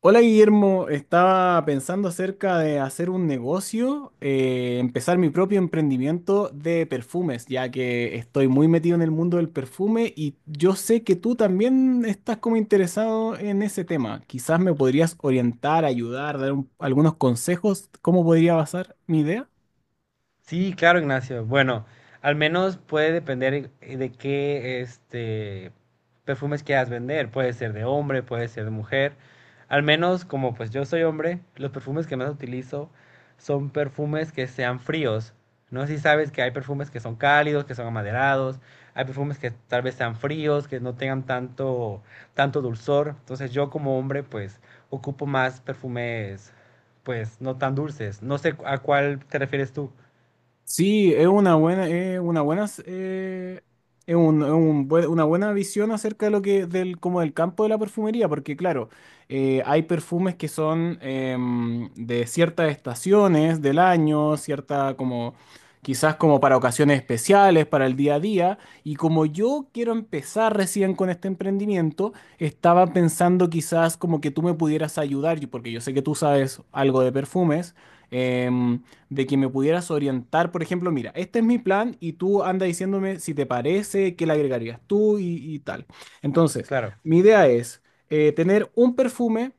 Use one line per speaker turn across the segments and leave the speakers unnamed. Hola Guillermo, estaba pensando acerca de hacer un negocio, empezar mi propio emprendimiento de perfumes, ya que estoy muy metido en el mundo del perfume y yo sé que tú también estás como interesado en ese tema. Quizás me podrías orientar, ayudar, algunos consejos, cómo podría basar mi idea.
Sí, claro, Ignacio. Bueno, al menos puede depender de qué perfumes quieras vender. Puede ser de hombre, puede ser de mujer. Al menos, como pues yo soy hombre, los perfumes que más utilizo son perfumes que sean fríos. No sé si sabes que hay perfumes que son cálidos, que son amaderados, hay perfumes que tal vez sean fríos, que no tengan tanto dulzor. Entonces yo como hombre pues ocupo más perfumes pues no tan dulces. No sé a cuál te refieres tú.
Sí, es una buena, una buena visión acerca de lo que, del, como del campo de la perfumería, porque claro, hay perfumes que son de ciertas estaciones del año, cierta como, quizás como para ocasiones especiales, para el día a día, y como yo quiero empezar recién con este emprendimiento, estaba pensando quizás como que tú me pudieras ayudar, porque yo sé que tú sabes algo de perfumes. em, de que me pudieras orientar, por ejemplo, mira, este es mi plan y tú anda diciéndome si te parece, qué le agregarías tú y tal. Entonces,
Claro,
mi idea es tener un perfume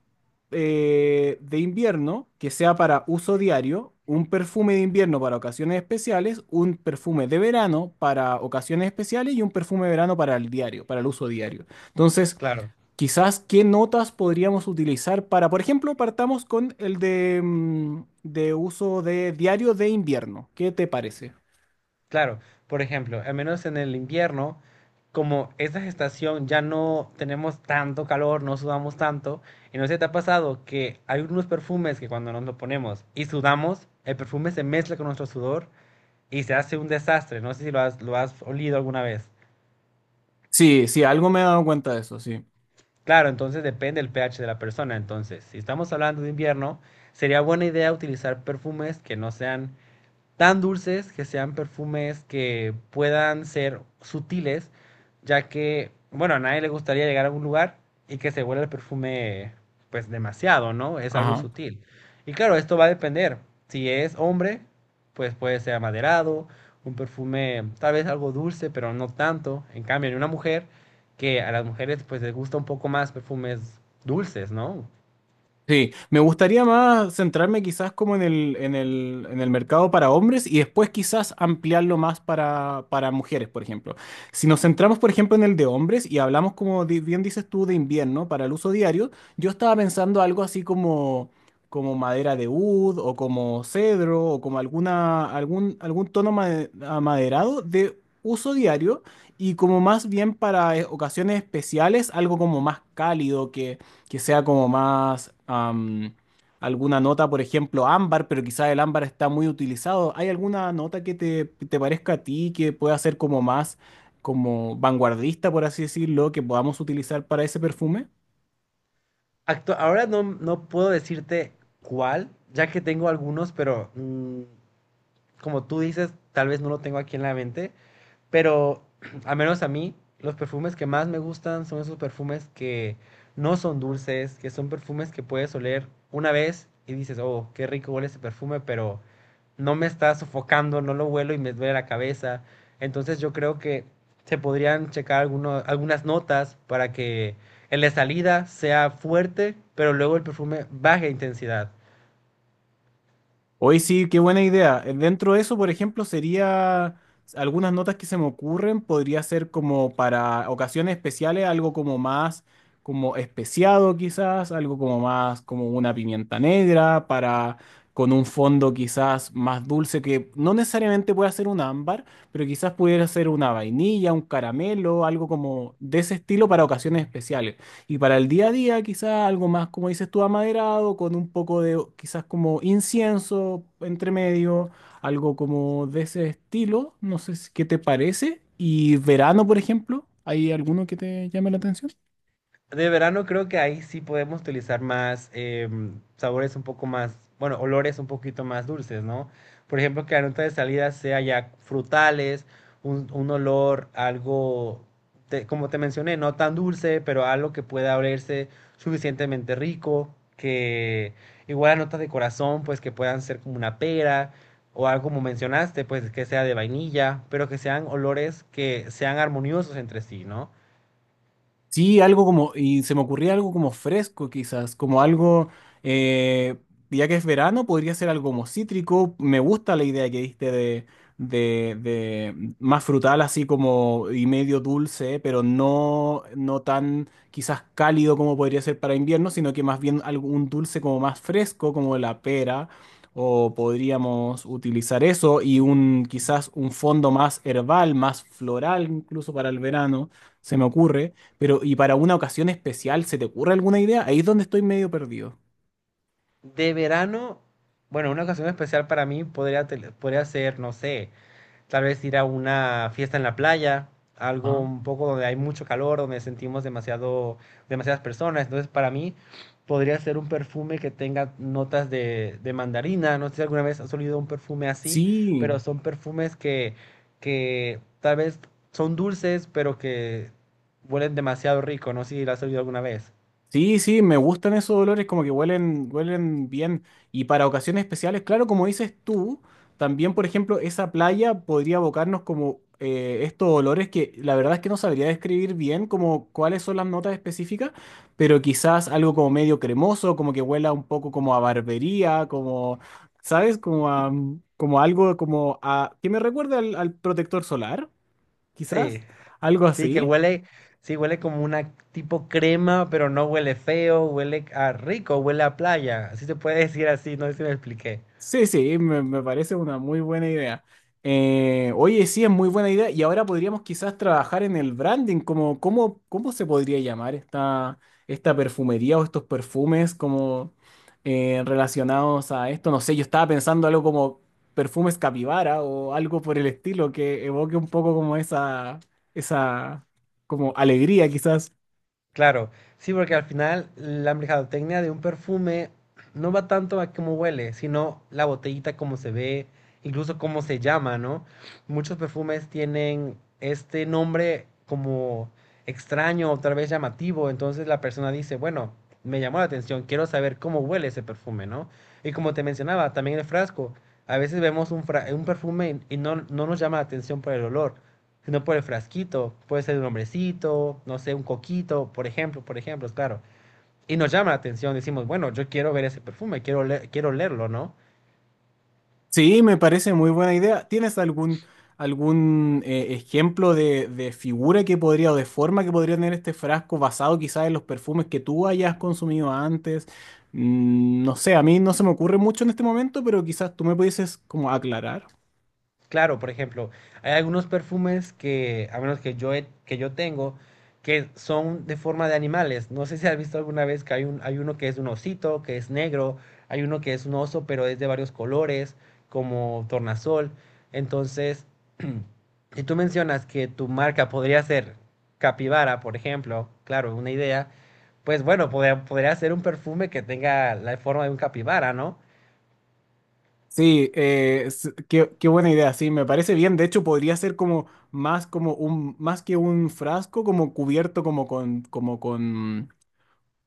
de invierno que sea para uso diario, un perfume de invierno para ocasiones especiales, un perfume de verano para ocasiones especiales y un perfume de verano para el diario, para el uso diario. Entonces,
claro,
quizás qué notas podríamos utilizar para, por ejemplo, partamos con el de de uso de diario de invierno. ¿Qué te parece?
claro. Por ejemplo, al menos en el invierno, como esta estación ya no tenemos tanto calor, no sudamos tanto, y no sé si te ha pasado que hay unos perfumes que cuando nos lo ponemos y sudamos, el perfume se mezcla con nuestro sudor y se hace un desastre. No sé si lo has olido alguna vez.
Sí, sí, algo me he dado cuenta de eso, sí.
Claro, entonces depende del pH de la persona. Entonces, si estamos hablando de invierno, sería buena idea utilizar perfumes que no sean tan dulces, que sean perfumes que puedan ser sutiles, ya que, bueno, a nadie le gustaría llegar a un lugar y que se huela el perfume pues demasiado, ¿no? Es algo
Ajá.
sutil. Y claro, esto va a depender. Si es hombre, pues puede ser amaderado, un perfume tal vez algo dulce, pero no tanto. En cambio, en una mujer, que a las mujeres pues les gusta un poco más perfumes dulces, ¿no?
Sí, me gustaría más centrarme quizás como en el mercado para hombres y después quizás ampliarlo más para mujeres, por ejemplo. Si nos centramos, por ejemplo, en el de hombres y hablamos, bien dices tú, de invierno para el uso diario, yo estaba pensando algo así como, como madera de oud o como cedro o como algún tono amaderado de uso diario y como más bien para ocasiones especiales, algo como más cálido que sea como más alguna nota, por ejemplo, ámbar, pero quizás el ámbar está muy utilizado. ¿Hay alguna nota que te parezca a ti que pueda ser como más como vanguardista, por así decirlo, que podamos utilizar para ese perfume?
Ahora no puedo decirte cuál, ya que tengo algunos, pero como tú dices, tal vez no lo tengo aquí en la mente. Pero, al menos a mí, los perfumes que más me gustan son esos perfumes que no son dulces, que son perfumes que puedes oler una vez y dices, oh, qué rico huele ese perfume, pero no me está sofocando, no lo huelo y me duele la cabeza. Entonces yo creo que se podrían checar algunas notas para que en la salida sea fuerte, pero luego el perfume baje de intensidad.
Hoy sí, qué buena idea. Dentro de eso, por ejemplo, sería algunas notas que se me ocurren, podría ser como para ocasiones especiales, algo como más como especiado quizás, algo como más como una pimienta negra para con un fondo quizás más dulce que no necesariamente pueda ser un ámbar, pero quizás pudiera ser una vainilla, un caramelo, algo como de ese estilo para ocasiones especiales. Y para el día a día, quizás algo más, como dices tú, amaderado, con un poco de quizás como incienso entre medio, algo como de ese estilo. No sé si- qué te parece. Y verano, por ejemplo, ¿hay alguno que te llame la atención?
De verano creo que ahí sí podemos utilizar más sabores un poco más, bueno, olores un poquito más dulces, ¿no? Por ejemplo, que la nota de salida sea ya frutales, un olor algo, como te mencioné, no tan dulce, pero algo que pueda olerse suficientemente rico, que igual notas de corazón, pues que puedan ser como una pera o algo como mencionaste, pues que sea de vainilla, pero que sean olores que sean armoniosos entre sí, ¿no?
Sí, algo como, y se me ocurría algo como fresco quizás, como algo, eh, ya que es verano, podría ser algo como cítrico. Me gusta la idea que diste de más frutal, así como y medio dulce, pero no tan quizás cálido como podría ser para invierno, sino que más bien algún dulce como más fresco, como la pera, o podríamos utilizar eso y un quizás un fondo más herbal, más floral incluso para el verano, se me ocurre. Pero, ¿y para una ocasión especial se te ocurre alguna idea? Ahí es donde estoy medio perdido.
De verano, bueno, una ocasión especial para mí podría, podría ser, no sé, tal vez ir a una fiesta en la playa, algo
Ajá.
un poco donde hay mucho calor, donde sentimos demasiado, demasiadas personas. Entonces, para mí podría ser un perfume que tenga notas de mandarina. No sé si alguna vez has olido un perfume así,
Sí,
pero son perfumes que tal vez son dulces, pero que huelen demasiado rico. No sé si lo has olido alguna vez.
sí, sí, me gustan esos olores, como que huelen, huelen bien. Y para ocasiones especiales, claro, como dices tú, también, por ejemplo, esa playa podría abocarnos como estos olores que la verdad es que no sabría describir bien como cuáles son las notas específicas, pero quizás algo como medio cremoso, como que huela un poco como a barbería, como, ¿sabes? Como a, como algo como a, que me recuerda al protector solar,
Sí.
quizás, algo
Sí, que
así.
huele, sí, huele como una tipo crema, pero no huele feo, huele a rico, huele a playa. Así se puede decir así, no sé si me expliqué.
Sí, sí, me parece una muy buena idea. Oye, sí, es muy buena idea. Y ahora podríamos quizás trabajar en el branding, como, ¿cómo se podría llamar esta, esta perfumería o estos perfumes como relacionados a esto? No sé, yo estaba pensando algo como perfumes capibara o algo por el estilo que evoque un poco como esa como alegría quizás.
Claro, sí, porque al final la mercadotecnia de un perfume no va tanto a cómo huele, sino la botellita, cómo se ve, incluso cómo se llama, ¿no? Muchos perfumes tienen este nombre como extraño o tal vez llamativo, entonces la persona dice, bueno, me llamó la atención, quiero saber cómo huele ese perfume, ¿no? Y como te mencionaba, también el frasco, a veces vemos un perfume y no nos llama la atención por el olor, sino por el frasquito. Puede ser un hombrecito, no sé, un coquito, por ejemplo, claro. Y nos llama la atención, decimos, bueno, yo quiero ver ese perfume, quiero, quiero olerlo, ¿no?
Sí, me parece muy buena idea. ¿Tienes algún, algún ejemplo de figura que podría o de forma que podría tener este frasco basado quizás en los perfumes que tú hayas consumido antes? Mm, no sé, a mí no se me ocurre mucho en este momento, pero quizás tú me pudieses como aclarar.
Claro, por ejemplo, hay algunos perfumes que, a menos que yo, que yo tengo, que son de forma de animales. No sé si has visto alguna vez que hay, hay uno que es un osito, que es negro, hay uno que es un oso, pero es de varios colores, como tornasol. Entonces, si tú mencionas que tu marca podría ser capibara, por ejemplo, claro, una idea, pues bueno, podría ser un perfume que tenga la forma de un capibara, ¿no?
Sí, qué, qué buena idea, sí, me parece bien. De hecho, podría ser como más como un, más que un frasco, como cubierto como con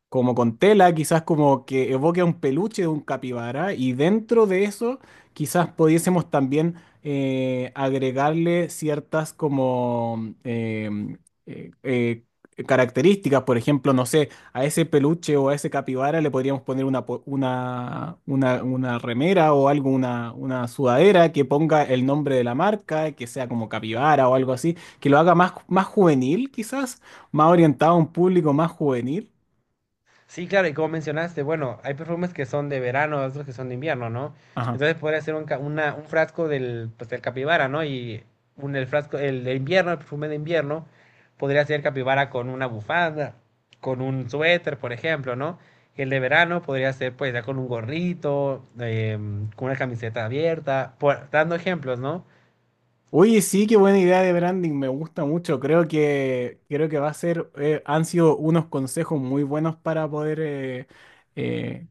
como con tela, quizás como que evoque a un peluche de un capibara, y dentro de eso quizás pudiésemos también agregarle ciertas como eh, eh, características, por ejemplo, no sé, a ese peluche o a ese capibara le podríamos poner una remera o algo, una sudadera que ponga el nombre de la marca, que sea como capibara o algo así, que lo haga más, más juvenil quizás, más orientado a un público más juvenil.
Sí, claro, y como mencionaste, bueno, hay perfumes que son de verano, otros que son de invierno, ¿no?
Ajá.
Entonces podría ser un frasco del, pues, del capibara, ¿no? Y el frasco, el de invierno, el perfume de invierno, podría ser capibara con una bufanda, con un suéter, por ejemplo, ¿no? Y el de verano podría ser, pues, ya con un gorrito, con una camiseta abierta, dando ejemplos, ¿no?
Oye, sí, qué buena idea de branding, me gusta mucho. Creo que va a ser, han sido unos consejos muy buenos para poder eh,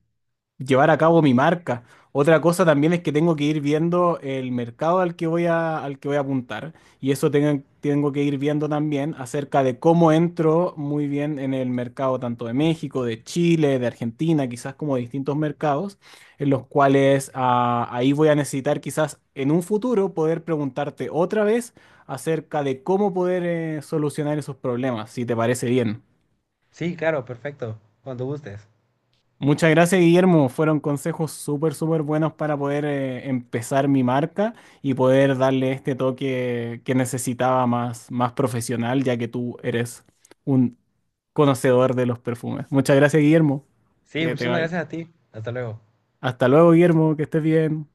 llevar a cabo mi marca. Otra cosa también es que tengo que ir viendo el mercado al que voy a apuntar y eso tengo, tengo que ir viendo también acerca de cómo entro muy bien en el mercado tanto de México, de Chile, de Argentina, quizás como de distintos mercados en los cuales ahí voy a necesitar quizás en un futuro poder preguntarte otra vez acerca de cómo poder solucionar esos problemas, si te parece bien.
Sí, claro, perfecto, cuando gustes.
Muchas gracias, Guillermo. Fueron consejos súper, súper buenos para poder empezar mi marca y poder darle este toque que necesitaba más, más profesional, ya que tú eres un conocedor de los perfumes. Muchas gracias, Guillermo.
Sí,
Que te
muchísimas
vaya.
gracias a ti. Hasta luego.
Hasta luego, Guillermo. Que estés bien.